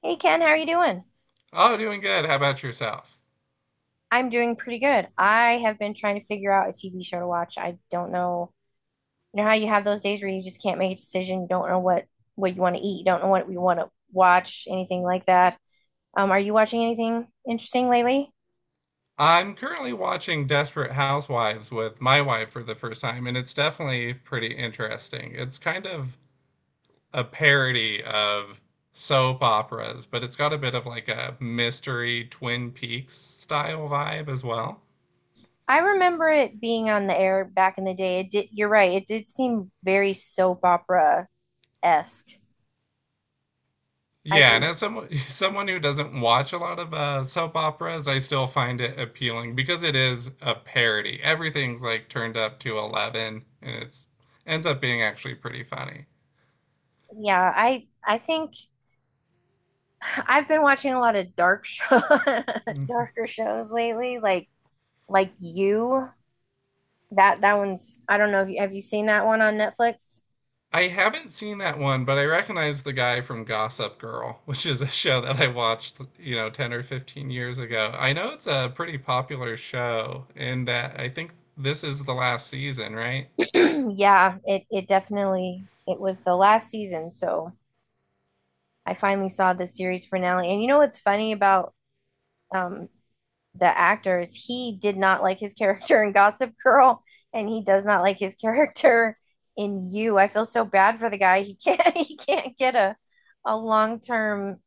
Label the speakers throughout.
Speaker 1: Hey Ken, how are you doing?
Speaker 2: Oh, doing good. How about yourself?
Speaker 1: I'm doing pretty good. I have been trying to figure out a TV show to watch. I don't know. You know how you have those days where you just can't make a decision, you don't know what you want to eat, you don't know what you want to watch, anything like that. Are you watching anything interesting lately?
Speaker 2: I'm currently watching Desperate Housewives with my wife for the first time, and it's definitely pretty interesting. It's kind of a parody of soap operas, but it's got a bit of like a mystery Twin Peaks style vibe as well.
Speaker 1: I remember it being on the air back in the day. It did, you're right, it did seem very soap opera-esque. I
Speaker 2: Yeah, and as someone someone who doesn't watch a lot of soap operas, I still find it appealing because it is a parody. Everything's like turned up to 11, and it's ends up being actually pretty funny.
Speaker 1: yeah, I think I've been watching a lot of dark show darker shows lately, like you. That one's I don't know if you seen that one on Netflix?
Speaker 2: I haven't seen that one, but I recognize the guy from Gossip Girl, which is a show that I watched, 10 or 15 years ago. I know it's a pretty popular show, and that I think this is the last season, right?
Speaker 1: Yeah, it definitely it was the last season, so I finally saw the series finale. And you know what's funny about um the actors, he did not like his character in Gossip Girl and he does not like his character in You. I feel so bad for the guy. He can't he can't get a long-term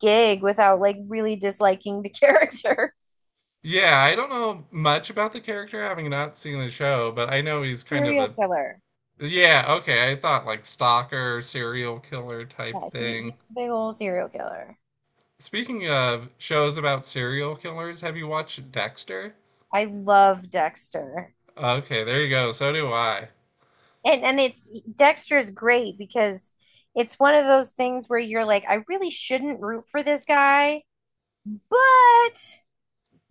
Speaker 1: gig without like really disliking the character.
Speaker 2: Yeah, I don't know much about the character having not seen the show, but I know he's kind of
Speaker 1: Serial
Speaker 2: a.
Speaker 1: killer.
Speaker 2: Yeah, okay, I thought like stalker, serial killer type
Speaker 1: Yeah, he,
Speaker 2: thing.
Speaker 1: he's a big old serial killer.
Speaker 2: Speaking of shows about serial killers, have you watched Dexter?
Speaker 1: I love Dexter.
Speaker 2: Okay, there you go. So do I.
Speaker 1: And it's Dexter is great because it's one of those things where you're like, I really shouldn't root for this guy, but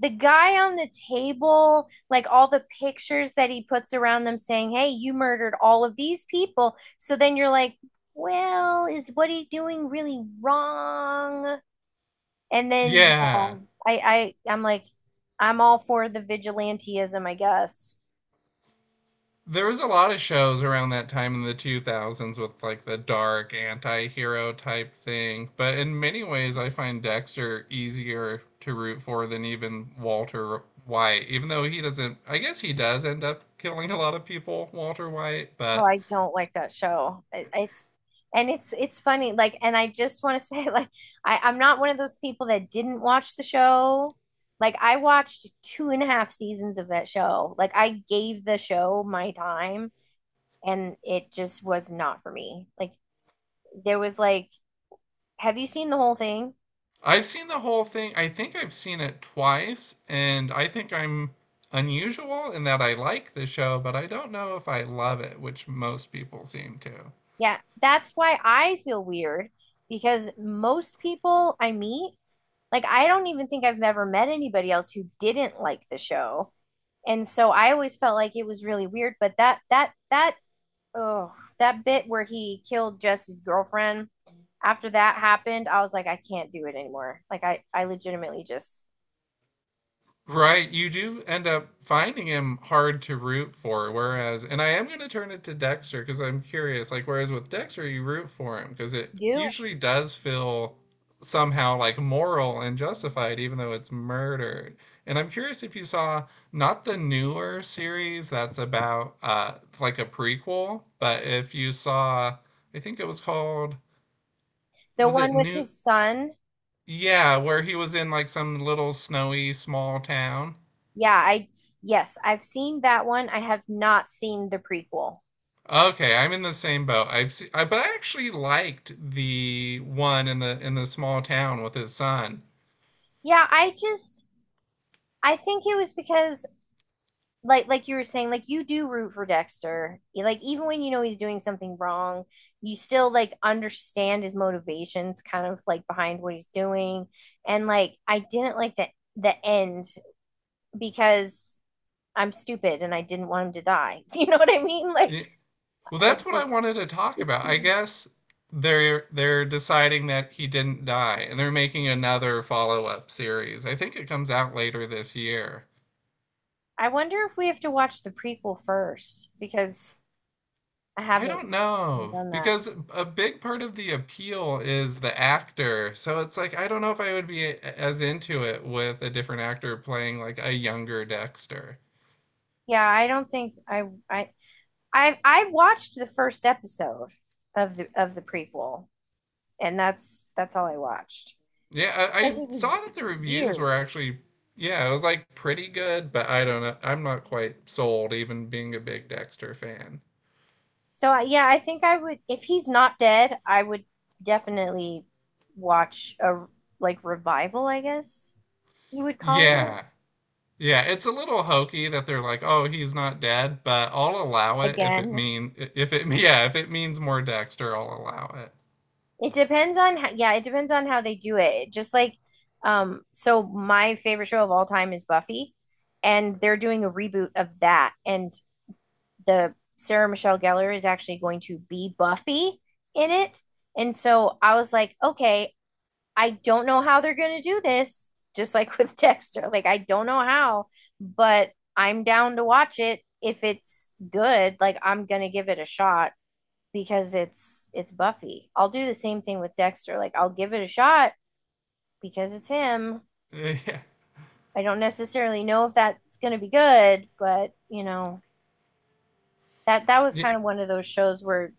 Speaker 1: the guy on the table, like all the pictures that he puts around them saying, hey, you murdered all of these people. So then you're like, well, is what he doing really wrong? And then you
Speaker 2: Yeah.
Speaker 1: know, I'm like, I'm all for the vigilantism, I guess.
Speaker 2: There was a lot of shows around that time in the 2000s with like the dark anti-hero type thing, but in many ways I find Dexter easier to root for than even Walter White, even though he doesn't, I guess he does end up killing a lot of people, Walter White,
Speaker 1: Oh,
Speaker 2: but
Speaker 1: I don't like that show. It's and it's funny. Like, and I just want to say, like, I'm not one of those people that didn't watch the show. Like, I watched two and a half seasons of that show. Like, I gave the show my time, and it just was not for me. Like, there was like, have you seen the whole thing?
Speaker 2: I've seen the whole thing. I think I've seen it twice, and I think I'm unusual in that I like the show, but I don't know if I love it, which most people seem to.
Speaker 1: Yeah, that's why I feel weird because most people I meet, like, I don't even think I've ever met anybody else who didn't like the show, and so I always felt like it was really weird. But that oh that bit where he killed Jesse's girlfriend, after that happened, I was like, I can't do it anymore. Like I legitimately just
Speaker 2: Right, you do end up finding him hard to root for, whereas, and I am going to turn it to Dexter because I'm curious. Like, whereas with Dexter, you root for him because it
Speaker 1: do
Speaker 2: usually does feel somehow like moral and justified, even though it's murdered. And I'm curious if you saw not the newer series that's about like a prequel, but if you saw, I think it was called,
Speaker 1: the
Speaker 2: was it
Speaker 1: one with
Speaker 2: New?
Speaker 1: his son.
Speaker 2: Yeah, where he was in like some little snowy small town.
Speaker 1: Yeah, I yes, I've seen that one. I have not seen the prequel.
Speaker 2: Okay, I'm in the same boat. I, but I actually liked the one in the small town with his son.
Speaker 1: Yeah, I just I think it was because like you were saying, like, you do root for Dexter E, like even when you know he's doing something wrong, you still like understand his motivations kind of like behind what he's doing. And like I didn't like the end because I'm stupid and I didn't want him to die. You know what I mean? Like
Speaker 2: Y- Well, that's what
Speaker 1: it
Speaker 2: I wanted to talk about. I
Speaker 1: just,
Speaker 2: guess they're deciding that he didn't die, and they're making another follow-up series. I think it comes out later this year.
Speaker 1: I wonder if we have to watch the prequel first, because I
Speaker 2: I
Speaker 1: haven't
Speaker 2: don't know
Speaker 1: done that.
Speaker 2: because a big part of the appeal is the actor. So it's like I don't know if I would be as into it with a different actor playing like a younger Dexter.
Speaker 1: Yeah, I don't think I I watched the first episode of the prequel, and that's all I watched
Speaker 2: Yeah, I,
Speaker 1: because
Speaker 2: I
Speaker 1: it was
Speaker 2: saw that the reviews
Speaker 1: weird.
Speaker 2: were actually, yeah, it was like pretty good, but I don't know. I'm not quite sold, even being a big Dexter fan.
Speaker 1: So I, yeah, I think I would, if he's not dead, I would definitely watch a like revival, I guess you would call
Speaker 2: Yeah, yeah, it's a little hokey that they're like, oh, he's not dead, but I'll allow
Speaker 1: it
Speaker 2: it if it
Speaker 1: again.
Speaker 2: mean if it yeah if it means more Dexter, I'll allow
Speaker 1: It depends on how, yeah, it depends on how they do it. Just like So my favorite show of all time is Buffy, and they're doing a reboot of that, and the Sarah Michelle Gellar is actually going to be Buffy in it. And so I was like, okay, I don't know how they're going to do this, just like with Dexter. Like, I don't know how, but I'm down to watch it. If it's good, like, I'm going to give it a shot because it's Buffy. I'll do the same thing with Dexter. Like I'll give it a shot because it's him.
Speaker 2: it. Yeah,
Speaker 1: I don't necessarily know if that's going to be good, but you know, that was
Speaker 2: yeah,
Speaker 1: kind of one of those shows where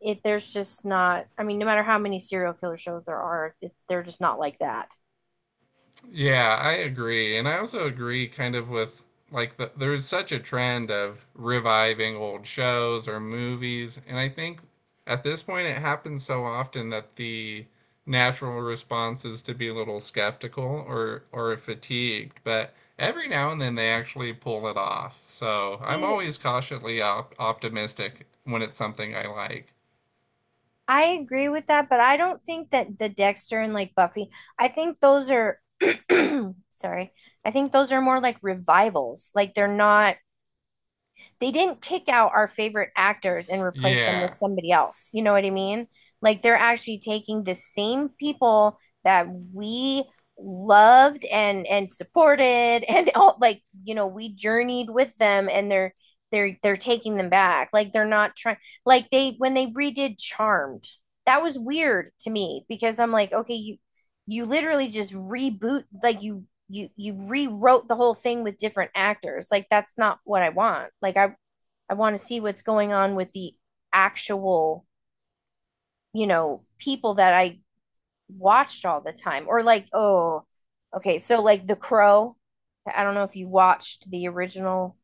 Speaker 1: it there's just not I mean, no matter how many serial killer shows there are, it, they're just not like that.
Speaker 2: yeah, I agree. And I also agree kind of with like the, there's such a trend of reviving old shows or movies, and I think at this point it happens so often that the natural response is to be a little skeptical or fatigued, but every now and then they actually pull it off. So, I'm always cautiously op optimistic when it's something I like.
Speaker 1: I agree with that, but I don't think that the Dexter and like Buffy, I think those are sorry. I think those are more like revivals. Like they're not they didn't kick out our favorite actors and replace them with
Speaker 2: Yeah.
Speaker 1: somebody else. You know what I mean? Like they're actually taking the same people that we loved and supported and all, like, you know, we journeyed with them, and they're they're taking them back. Like they're not trying, like they when they redid Charmed, that was weird to me, because I'm like, okay, you literally just reboot, like you rewrote the whole thing with different actors. Like that's not what I want. Like I want to see what's going on with the actual, you know, people that I watched all the time. Or like, oh okay, so like The Crow, I don't know if you watched the original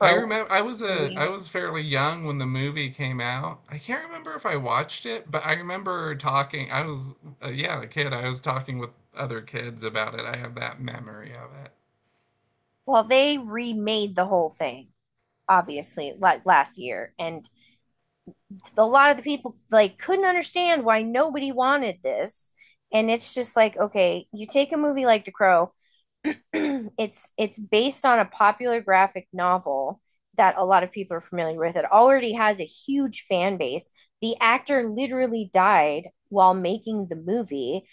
Speaker 2: I remember I was a
Speaker 1: movie.
Speaker 2: I was fairly young when the movie came out. I can't remember if I watched it, but I remember talking. I was yeah, a kid. I was talking with other kids about it. I have that memory of it.
Speaker 1: Well, they remade the whole thing obviously like last year, and a lot of the people like couldn't understand why nobody wanted this. And it's just like, okay, you take a movie like The Crow, it's based on a popular graphic novel that a lot of people are familiar with, it already has a huge fan base, the actor literally died while making the movie,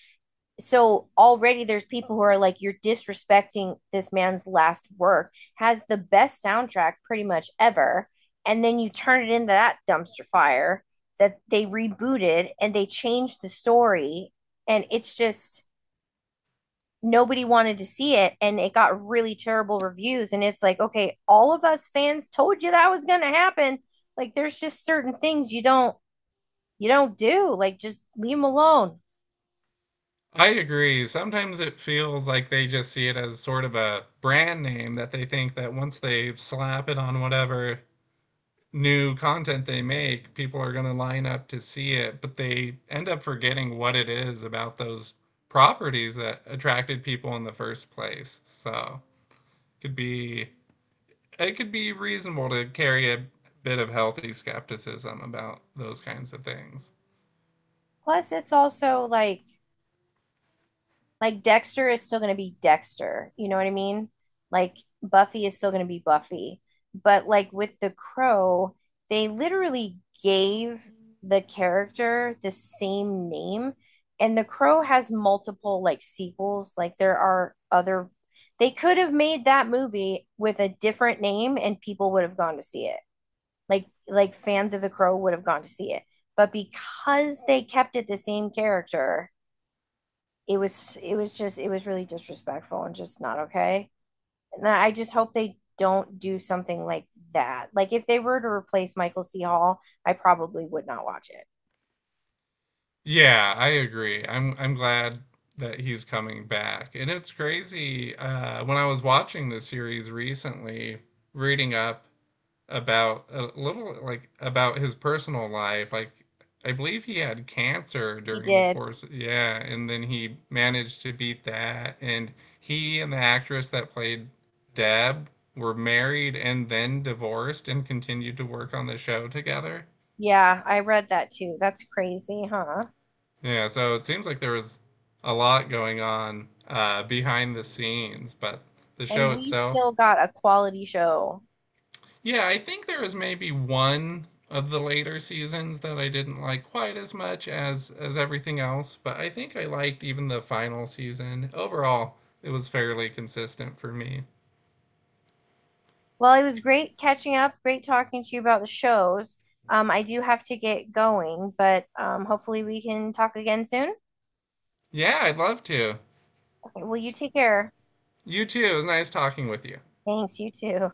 Speaker 1: so already there's people who are like, you're disrespecting this man's last work, has the best soundtrack pretty much ever, and then you turn it into that dumpster fire that they rebooted and they changed the story, and it's just nobody wanted to see it, and it got really terrible reviews, and it's like, okay, all of us fans told you that was going to happen. Like there's just certain things you don't do. Like just leave them alone.
Speaker 2: I agree. Sometimes it feels like they just see it as sort of a brand name that they think that once they slap it on whatever new content they make, people are going to line up to see it, but they end up forgetting what it is about those properties that attracted people in the first place. So it could be it could be reasonable to carry a bit of healthy skepticism about those kinds of things.
Speaker 1: Plus it's also like Dexter is still going to be Dexter. You know what I mean? Like Buffy is still going to be Buffy. But like with The Crow, they literally gave the character the same name. And The Crow has multiple like sequels. Like there are other, they could have made that movie with a different name, and people would have gone to see it. Like fans of The Crow would have gone to see it. But because they kept it the same character, it was just it was really disrespectful and just not okay. And I just hope they don't do something like that. Like if they were to replace Michael C. Hall, I probably would not watch it.
Speaker 2: Yeah, I agree. I'm glad that he's coming back. And it's crazy. When I was watching the series recently, reading up about a little like about his personal life. Like I believe he had cancer
Speaker 1: He
Speaker 2: during the
Speaker 1: did.
Speaker 2: course. Yeah, and then he managed to beat that. And he and the actress that played Deb were married and then divorced and continued to work on the show together.
Speaker 1: Yeah, I read that too. That's crazy, huh?
Speaker 2: Yeah, so it seems like there was a lot going on behind the scenes, but the
Speaker 1: And
Speaker 2: show
Speaker 1: we
Speaker 2: itself.
Speaker 1: still got a quality show.
Speaker 2: Yeah, I think there was maybe one of the later seasons that I didn't like quite as much as everything else, but I think I liked even the final season. Overall, it was fairly consistent for me.
Speaker 1: Well, it was great catching up, great talking to you about the shows. I do have to get going, but hopefully we can talk again soon.
Speaker 2: Yeah, I'd love to.
Speaker 1: Okay, well, you take care.
Speaker 2: You too. It was nice talking with you.
Speaker 1: Thanks, you too.